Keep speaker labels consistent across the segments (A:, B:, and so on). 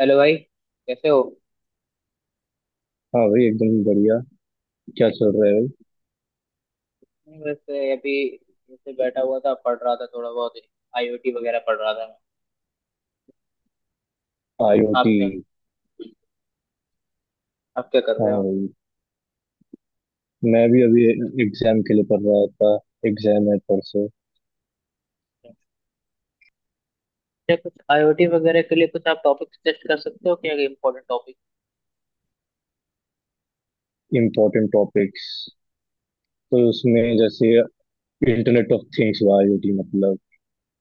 A: Hello भाई। कैसे हो?
B: हाँ भाई, एकदम बढ़िया। क्या चल रहा है।
A: नहीं, वैसे अभी जैसे बैठा हुआ था, पढ़ रहा था थोड़ा बहुत। आईओटी वगैरह पढ़ रहा था मैं।
B: भाई
A: आप
B: आईओटी।
A: क्या, आप क्या कर
B: हाँ
A: रहे हो?
B: भाई, मैं भी अभी एग्जाम के लिए पढ़ रहा था। एग्जाम है परसों।
A: क्या कुछ आईओटी वगैरह के लिए कुछ आप टॉपिक सजेस्ट कर सकते हो क्या, इम्पोर्टेंट टॉपिक?
B: इम्पोर्टेंट टॉपिक्स, तो उसमें जैसे इंटरनेट ऑफ थिंग्स हुआ आईओटी मतलब।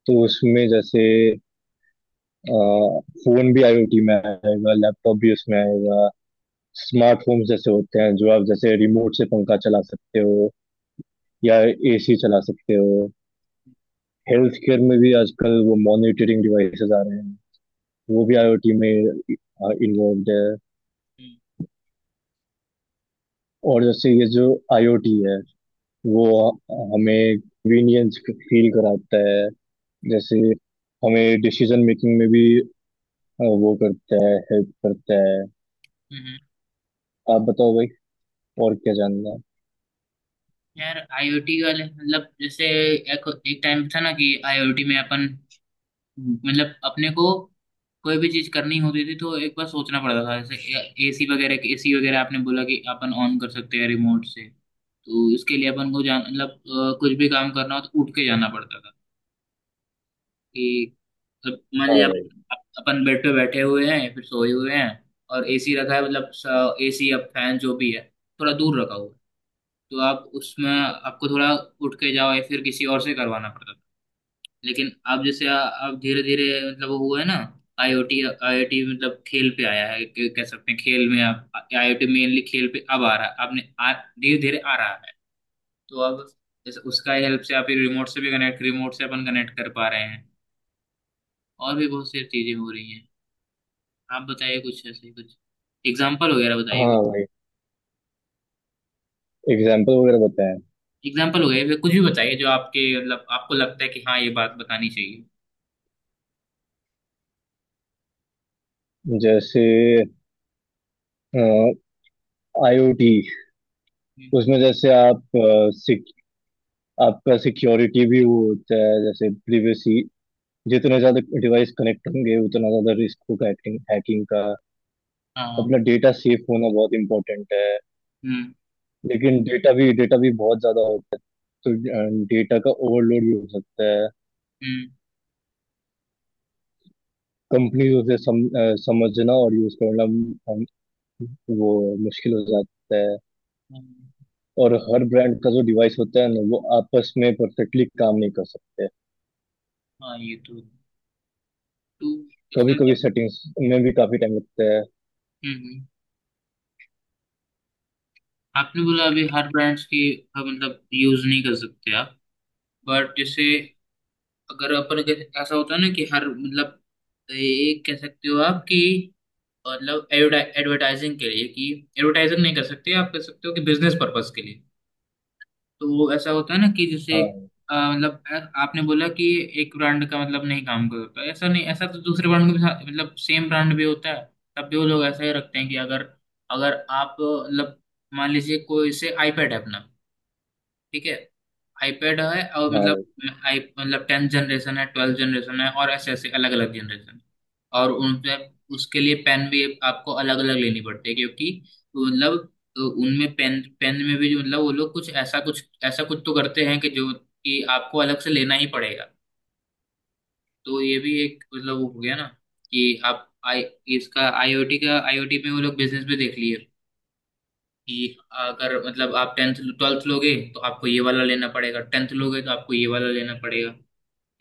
B: तो उसमें जैसे फोन भी आईओटी में आएगा, लैपटॉप भी उसमें आएगा। स्मार्ट होम्स जैसे होते हैं जो आप जैसे रिमोट से पंखा चला सकते हो या एसी चला सकते हो। हेल्थ केयर में भी आजकल वो मॉनिटरिंग डिवाइसेस आ रहे हैं, वो भी आईओटी में इन्वॉल्व है।
A: हम्म।
B: और जैसे ये जो आईओटी है वो हमें कन्वीनियंस फील कराता है। जैसे हमें डिसीजन मेकिंग में भी वो करता है, हेल्प करता है।
A: हम्म।
B: आप बताओ भाई, और क्या जानना है।
A: यार आईओटी वाले मतलब जैसे एक एक टाइम था ना कि आईओटी में अपन, मतलब अपने को कोई भी चीज करनी होती थी तो एक बार सोचना पड़ता था। जैसे एसी वगैरह, एसी वगैरह आपने बोला कि अपन ऑन कर सकते हैं रिमोट से, तो इसके लिए अपन को जान मतलब कुछ भी काम करना हो तो उठ के जाना पड़ता था कि मतलब मान
B: हाँ
A: लिया
B: भाई।
A: अपन बेड पे बैठे हुए हैं, फिर सोए हुए हैं और एसी रखा है, मतलब एसी या फैन जो भी है थोड़ा दूर रखा हुआ है, तो आप उसमें आपको थोड़ा उठ के जाओ या फिर किसी और से करवाना पड़ता था। लेकिन अब जैसे अब धीरे धीरे मतलब वो हुआ है ना, आईओटी। आईओटी मतलब खेल पे आया है, कह सकते हैं खेल में अब आईओटी मेनली खेल पे अब आ रहा है। आपने आ धीरे धीरे आ रहा है, तो अब जैसे उसका हेल्प से आप रिमोट से भी कनेक्ट, रिमोट से अपन कनेक्ट कर पा रहे हैं और भी बहुत सी चीजें हो रही हैं। आप बताइए कुछ ऐसे, कुछ एग्जाम्पल वगैरह बताइए कुछ।
B: हाँ भाई, एग्जाम्पल वगैरह बताएं।
A: एग्जाम्पल वगैरह फिर कुछ भी बताइए जो आपके मतलब आपको लगता है कि हाँ, ये बात बतानी चाहिए।
B: जैसे आईओटी,
A: हम्म।
B: उसमें जैसे आप आपका सिक्योरिटी भी वो होता है, जैसे प्रिवेसी। जितने ज्यादा डिवाइस कनेक्ट होंगे उतना ज्यादा रिस्क होगा हैकिंग हैकिंग का।
A: हाँ।
B: अपना डेटा सेफ होना बहुत इंपॉर्टेंट है।
A: हम्म।
B: लेकिन डेटा भी बहुत ज्यादा होता है। तो डेटा का ओवरलोड भी हो सकता है।
A: हम्म।
B: कंपनी उसे समझना और यूज करना, अम, वो मुश्किल हो जाता है।
A: हम्म।
B: और हर ब्रांड का जो डिवाइस होता है ना वो आपस में परफेक्टली काम नहीं कर सकते।
A: हाँ, ये तो टू
B: कभी कभी
A: परसेंट।
B: सेटिंग्स में भी काफी टाइम लगता है।
A: हम्म। आपने बोला अभी हर ब्रांड्स की मतलब यूज नहीं कर सकते आप, बट जैसे अगर ऐसा होता है ना कि हर मतलब एक कह सकते हो आप कि मतलब एडवर्टाइजिंग के लिए कि, एडवर्टाइजिंग नहीं कर सकते आप, कह सकते हो कि बिजनेस पर्पस के लिए। तो वो ऐसा होता है ना कि जैसे
B: हाँ।
A: मतलब आपने बोला कि एक ब्रांड का मतलब नहीं काम करता, ऐसा नहीं, ऐसा तो दूसरे ब्रांड का भी मतलब सेम ब्रांड भी होता है तब भी वो लोग ऐसा ही रखते हैं कि अगर, अगर आप मतलब मान लीजिए कोई से आईपैड है अपना, ठीक है, आईपैड है और
B: हाँ
A: मतलब
B: भाई।
A: आई मतलब टेंथ जनरेशन है, ट्वेल्थ जनरेशन है, और ऐसे ऐसे अलग अलग जनरेशन, और उन पे, उसके लिए पेन भी आपको अलग अलग लेनी पड़ती है क्योंकि मतलब उनमें पेन पेन में भी जो मतलब वो लोग कुछ ऐसा, कुछ ऐसा कुछ तो करते हैं कि जो कि आपको अलग से लेना ही पड़ेगा। तो ये भी एक मतलब वो हो गया ना कि आप आई, इसका आईओटी का, आईओटी में वो लोग बिजनेस भी देख लिए कि अगर मतलब आप टेंथ ट्वेल्थ लोगे तो आपको ये वाला लेना पड़ेगा, टेंथ लोगे तो आपको ये वाला लेना पड़ेगा।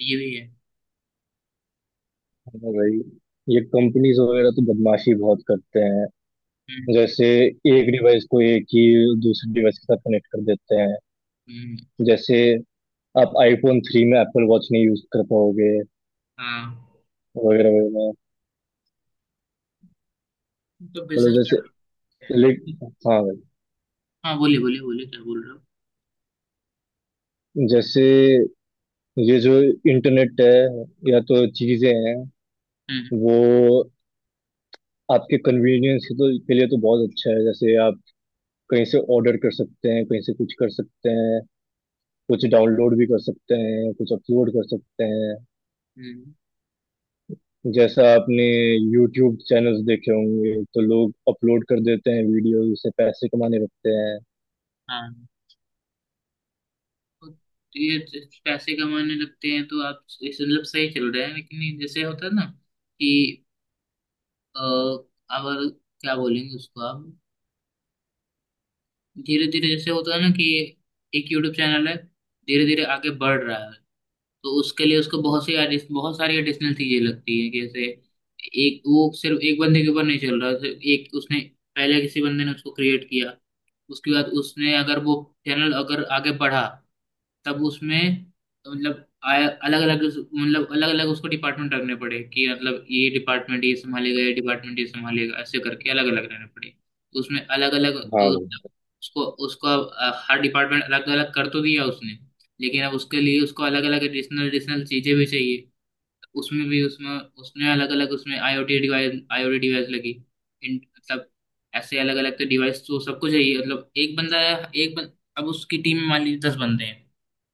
A: ये भी है।
B: हाँ भाई, ये कंपनीज वगैरह तो बदमाशी बहुत करते हैं।
A: हम्म।
B: जैसे एक डिवाइस को एक ही दूसरे डिवाइस के साथ कनेक्ट कर देते हैं।
A: हम्म।
B: जैसे आप आईफोन थ्री में एप्पल वॉच नहीं यूज कर पाओगे,
A: हाँ,
B: वगैरह वगैरह।
A: तो
B: मतलब
A: बिजनेस
B: जैसे
A: कर सकते
B: लेक
A: हैं।
B: हाँ भाई।
A: हाँ, बोलिए बोलिए बोलिए, क्या बोल रहे हो?
B: जैसे ये जो इंटरनेट है या तो चीजें हैं,
A: हम्म।
B: वो आपके के लिए तो बहुत अच्छा है। जैसे आप कहीं से ऑर्डर कर सकते हैं, कहीं से कुछ कर सकते हैं, कुछ
A: हम्म।
B: डाउनलोड भी कर सकते हैं, कुछ अपलोड कर सकते हैं।
A: हम्म।
B: जैसा आपने यूट्यूब चैनल्स देखे होंगे तो लोग अपलोड कर देते हैं, वीडियो से पैसे कमाने लगते हैं।
A: हाँ, तो ये पैसे कमाने लगते हैं तो आप इस मतलब सही चल रहे हैं, लेकिन ये जैसे होता है ना कि अ, अगर, क्या बोलेंगे उसको आप, धीरे धीरे जैसे होता है ना कि एक यूट्यूब चैनल है, धीरे धीरे आगे बढ़ रहा है, तो उसके लिए उसको बहुत सी बहुत सारी एडिशनल चीजें लगती है। जैसे एक वो सिर्फ एक बंदे के ऊपर नहीं चल रहा, सिर्फ एक उसने, पहले किसी बंदे ने उसको क्रिएट किया, उसके बाद उसने अगर वो चैनल अगर आगे बढ़ा, तब उसमें मतलब मतलब अलग अलग उसको डिपार्टमेंट रखने पड़े कि मतलब ये डिपार्टमेंट ये संभालेगा, ये डिपार्टमेंट ये संभालेगा, ऐसे करके अलग अलग रहने पड़े। उसमें अलग अलग
B: हाँ
A: तो
B: भाई।
A: उसको, हर डिपार्टमेंट अलग अलग कर तो दिया उसने, लेकिन अब उसके लिए उसको अलग अलग एडिशनल एडिशनल चीजें भी चाहिए। उसमें भी उसमें, उसमें अलग अलग उसमें आईओटी डिवाइस लगी इन मतलब ऐसे अलग अलग तो डिवाइस तो सबको चाहिए, मतलब एक बंदा है एक अब उसकी टीम में मान लीजिए दस बंदे हैं,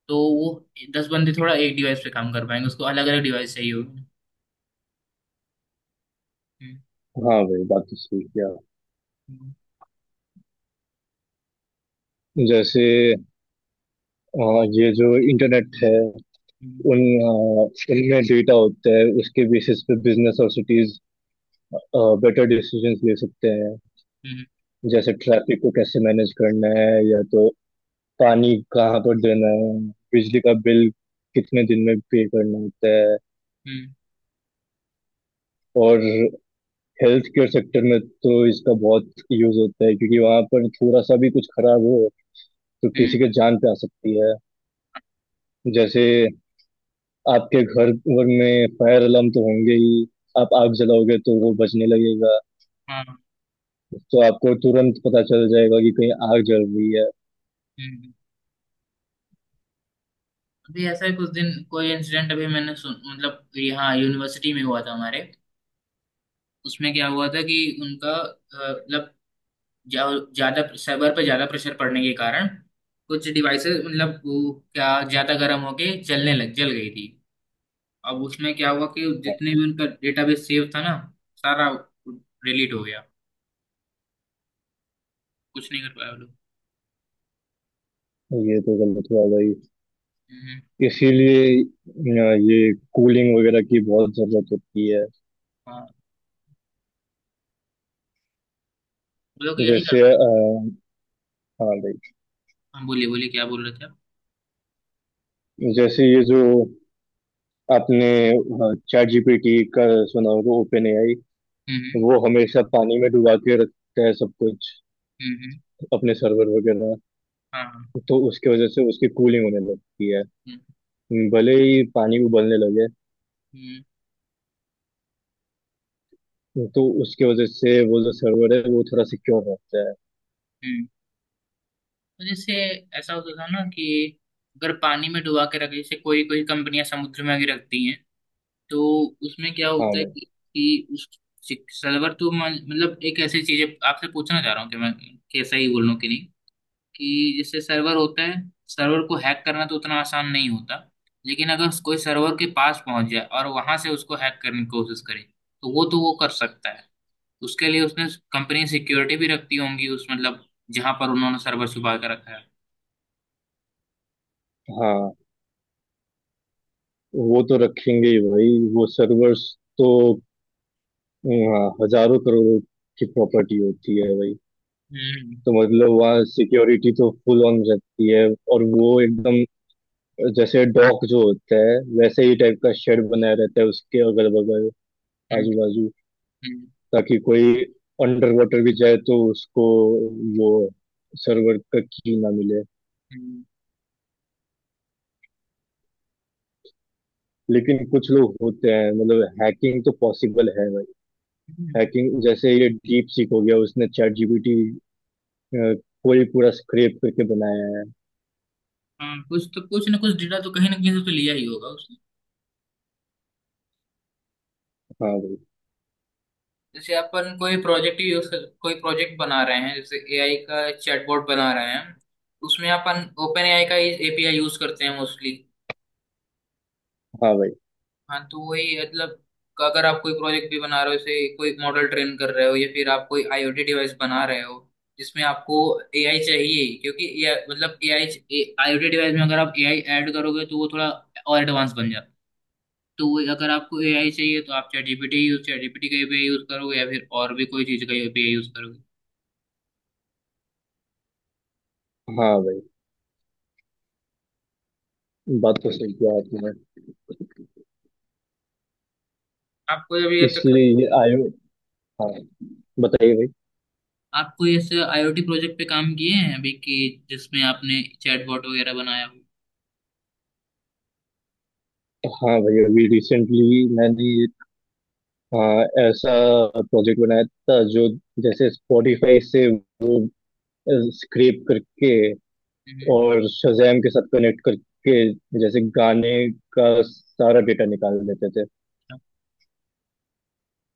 A: तो वो दस बंदे थोड़ा एक डिवाइस पे काम कर पाएंगे, उसको अलग अलग डिवाइस चाहिए होगी। हम्म।
B: हाँ भाई, बात तो सही किया।
A: हम्म।
B: जैसे अ, ये जो इंटरनेट है,
A: हम्म।
B: उन अ, उनमें डेटा होता है, उसके बेसिस पे बिजनेस और सिटीज बेटर डिसीजंस ले सकते हैं।
A: हम्म।
B: जैसे ट्रैफिक को कैसे मैनेज करना है, या तो पानी कहाँ पर देना है, बिजली का बिल कितने दिन में पे करना होता है।
A: हम्म।
B: और हेल्थ केयर सेक्टर में तो इसका बहुत यूज होता है, क्योंकि वहां पर थोड़ा सा भी कुछ खराब हो तो
A: हम्म।
B: किसी के जान पे आ सकती है। जैसे आपके घर घर में फायर अलार्म तो होंगे ही। आप आग जलाओगे तो वो बचने लगेगा।
A: हाँ। हम्म।
B: तो आपको तुरंत पता चल जाएगा कि कहीं आग जल रही है।
A: हम्म। अभी ऐसा ही कुछ दिन कोई इंसिडेंट अभी मैंने सुन, मतलब यहाँ यूनिवर्सिटी में हुआ था हमारे। उसमें क्या हुआ था कि उनका मतलब ज्यादा सर्वर पर ज्यादा प्रेशर पड़ने के कारण कुछ डिवाइसेस मतलब वो क्या ज्यादा गर्म होके जलने लग जल गई थी। अब उसमें क्या हुआ कि जितने भी उनका डेटाबेस सेव था ना, सारा डिलीट हो गया। कुछ नहीं कर पाया वो लोग।
B: ये तो गलत हुआ भाई।
A: हम्म।
B: इसीलिए ये कूलिंग वगैरह की बहुत जरूरत होती है।
A: हाँ, वो लोग यही
B: जैसे
A: कर,
B: हाँ भाई।
A: हाँ बोलिए बोलिए क्या बोल रहे थे आप?
B: जैसे ये जो आपने चैट जीपीटी का सुना होगा, ओपन एआई,
A: हम्म।
B: वो हमेशा पानी में डुबा के रखता है सब कुछ,
A: हम्म। हम्म। हम्म।
B: अपने सर्वर वगैरह।
A: हाँ। हाँ।
B: तो उसके वजह से उसकी कूलिंग होने लगती है,
A: हम्म।
B: भले ही पानी उबलने लगे।
A: हम्म।
B: तो उसके वजह से वो जो सर्वर है वो थोड़ा सिक्योर रहता है।
A: हम्म। तो जैसे ऐसा होता था ना कि अगर पानी में डुबा के रखे, जैसे कोई कोई कंपनियां समुद्र में आके रखती हैं, तो उसमें क्या
B: हाँ
A: होता है
B: मैं
A: कि उस सर्वर तो मतलब एक ऐसी चीज है आपसे पूछना चाह रहा हूँ कि मैं कैसा ही बोल लूँ कि नहीं, कि जैसे सर्वर होता है, सर्वर को हैक करना तो उतना आसान नहीं होता, लेकिन अगर कोई सर्वर के पास पहुंच जाए और वहां से उसको हैक करने की कोशिश करे तो वो, तो वो कर सकता है। उसके लिए उसने कंपनी सिक्योरिटी भी रखती होंगी उस मतलब जहां पर उन्होंने सर्वर छुपा के रखा है।
B: हाँ, वो तो रखेंगे ही भाई वो सर्वर्स। तो हाँ, हजारों करोड़ों की प्रॉपर्टी होती है भाई।
A: हम्म।
B: तो मतलब वहाँ सिक्योरिटी तो फुल ऑन रहती है। और वो एकदम जैसे डॉक जो होता है वैसे ही टाइप का शेड बनाया रहता है उसके अगल बगल,
A: हम्म।
B: आजू बाजू।
A: हम्म।
B: ताकि कोई अंडर वाटर भी जाए तो उसको वो सर्वर का की ना मिले।
A: हम्म।
B: लेकिन कुछ लोग होते हैं, मतलब हैकिंग तो पॉसिबल है भाई।
A: हम्म।
B: हैकिंग जैसे ये डीप सीक हो गया, उसने चैट जीपीटी को ही पूरा स्क्रैप करके बनाया है।
A: हाँ, कुछ तो कुछ ना कुछ डेटा तो कहीं ना कहीं से तो लिया ही होगा उसने।
B: हाँ भाई।
A: जैसे अपन कोई प्रोजेक्ट यूज, कोई प्रोजेक्ट बना रहे हैं जैसे एआई का चैटबॉट बना रहे हैं, उसमें अपन ओपन एआई का एपीआई यूज करते हैं मोस्टली।
B: हाँ भाई।
A: हाँ, तो वही मतलब, अगर आप कोई प्रोजेक्ट भी बना रहे हो जैसे कोई मॉडल ट्रेन कर रहे हो या फिर आप कोई आईओटी डिवाइस बना रहे हो जिसमें आपको एआई चाहिए, क्योंकि AI मतलब एआई आईओटी डिवाइस में अगर आप एआई ऐड करोगे तो वो थोड़ा और एडवांस बन जाता है। तो वही, अगर आपको एआई चाहिए तो आप चैट जीपीटी का एपीआई यूज करोगे या फिर और भी कोई चीज का एपीआई यूज करोगे।
B: हाँ भाई, बात तो सही किया आपने।
A: आपको अभी ये तो,
B: इसलिए ये आयो हाँ, बताइए भाई।
A: आप कोई ऐसे आईओटी प्रोजेक्ट पे काम किए हैं अभी कि जिसमें आपने चैटबॉट वगैरह बनाया हो?
B: हाँ भैया, अभी रिसेंटली मैंने आ, ऐसा प्रोजेक्ट बनाया था जो जैसे स्पॉटिफाई से वो स्क्रैप करके
A: हम्म।
B: और शज़ैम के साथ कनेक्ट करके जैसे गाने का सारा डेटा निकाल लेते थे।
A: अच्छा।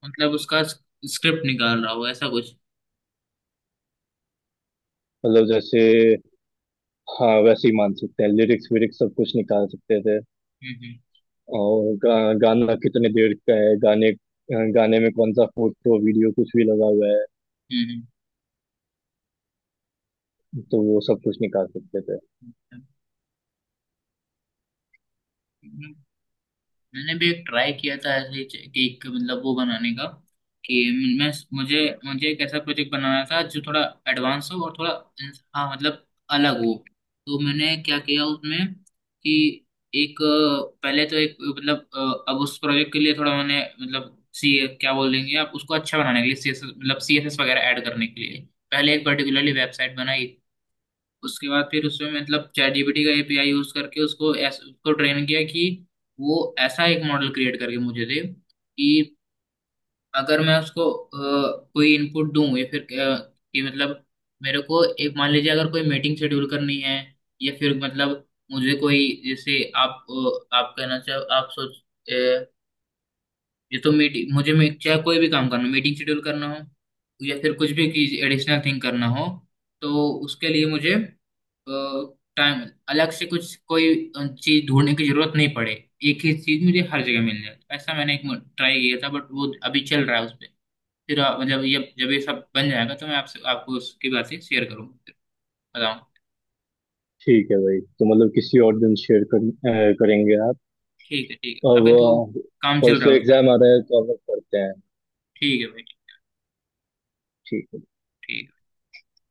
A: मतलब उसका स्क्रिप्ट निकाल रहा हो ऐसा कुछ।
B: मतलब जैसे, हाँ, वैसे ही मान सकते हैं, लिरिक्स विरिक्स सब कुछ निकाल सकते थे।
A: हम्म।
B: और गाना कितने देर का है, गाने गाने में कौन सा फोटो वीडियो कुछ भी लगा हुआ है,
A: हम्म। हम्म।
B: तो वो सब कुछ निकाल सकते थे।
A: हम्म। हम्म। हम्म। मैंने भी एक ट्राई किया था ऐसे ही केक के मतलब वो बनाने का। कि मैं, मुझे मुझे एक ऐसा प्रोजेक्ट बनाना था जो थोड़ा एडवांस हो और थोड़ा, हाँ मतलब अलग हो। तो मैंने क्या किया उसमें कि एक पहले तो एक मतलब अब उस प्रोजेक्ट के लिए थोड़ा मैंने मतलब सी, क्या बोल देंगे आप उसको, अच्छा बनाने के लिए सी एस मतलब सी एस एस वगैरह ऐड करने के लिए पहले एक पर्टिकुलरली वेबसाइट बनाई। उसके बाद फिर उसमें मतलब चैट जीपीटी का एपीआई यूज करके उसको उसको ट्रेन किया कि वो ऐसा एक मॉडल क्रिएट करके मुझे दे कि अगर मैं उसको कोई इनपुट दूं या फिर कि मतलब मेरे को एक मान लीजिए अगर कोई मीटिंग शेड्यूल करनी है या फिर मतलब मुझे कोई, जैसे आप आप कहना चाहो आप सोच अ, ये तो मीटिंग मुझे चाहे कोई भी काम करना, मीटिंग शेड्यूल करना हो या फिर कुछ भी एडिशनल थिंग करना हो, तो उसके लिए मुझे टाइम, अलग से कुछ कोई चीज ढूंढने की जरूरत नहीं पड़े, एक ही चीज मुझे हर जगह मिल जाए, ऐसा मैंने एक ट्राई किया था। बट वो अभी चल रहा है उस पे। फिर जब ये सब बन जाएगा तो मैं आपसे आपको उसकी बातें शेयर करूंगा, फिर बताऊंगा।
B: ठीक है भाई, तो मतलब किसी और दिन करेंगे आप।
A: ठीक है। ठीक है,
B: अब
A: अभी तो काम चल रहा
B: परसों
A: है उस पर।
B: एग्जाम आ रहा है तो अब करते हैं।
A: ठीक है भाई।
B: ठीक है।
A: ठीक है।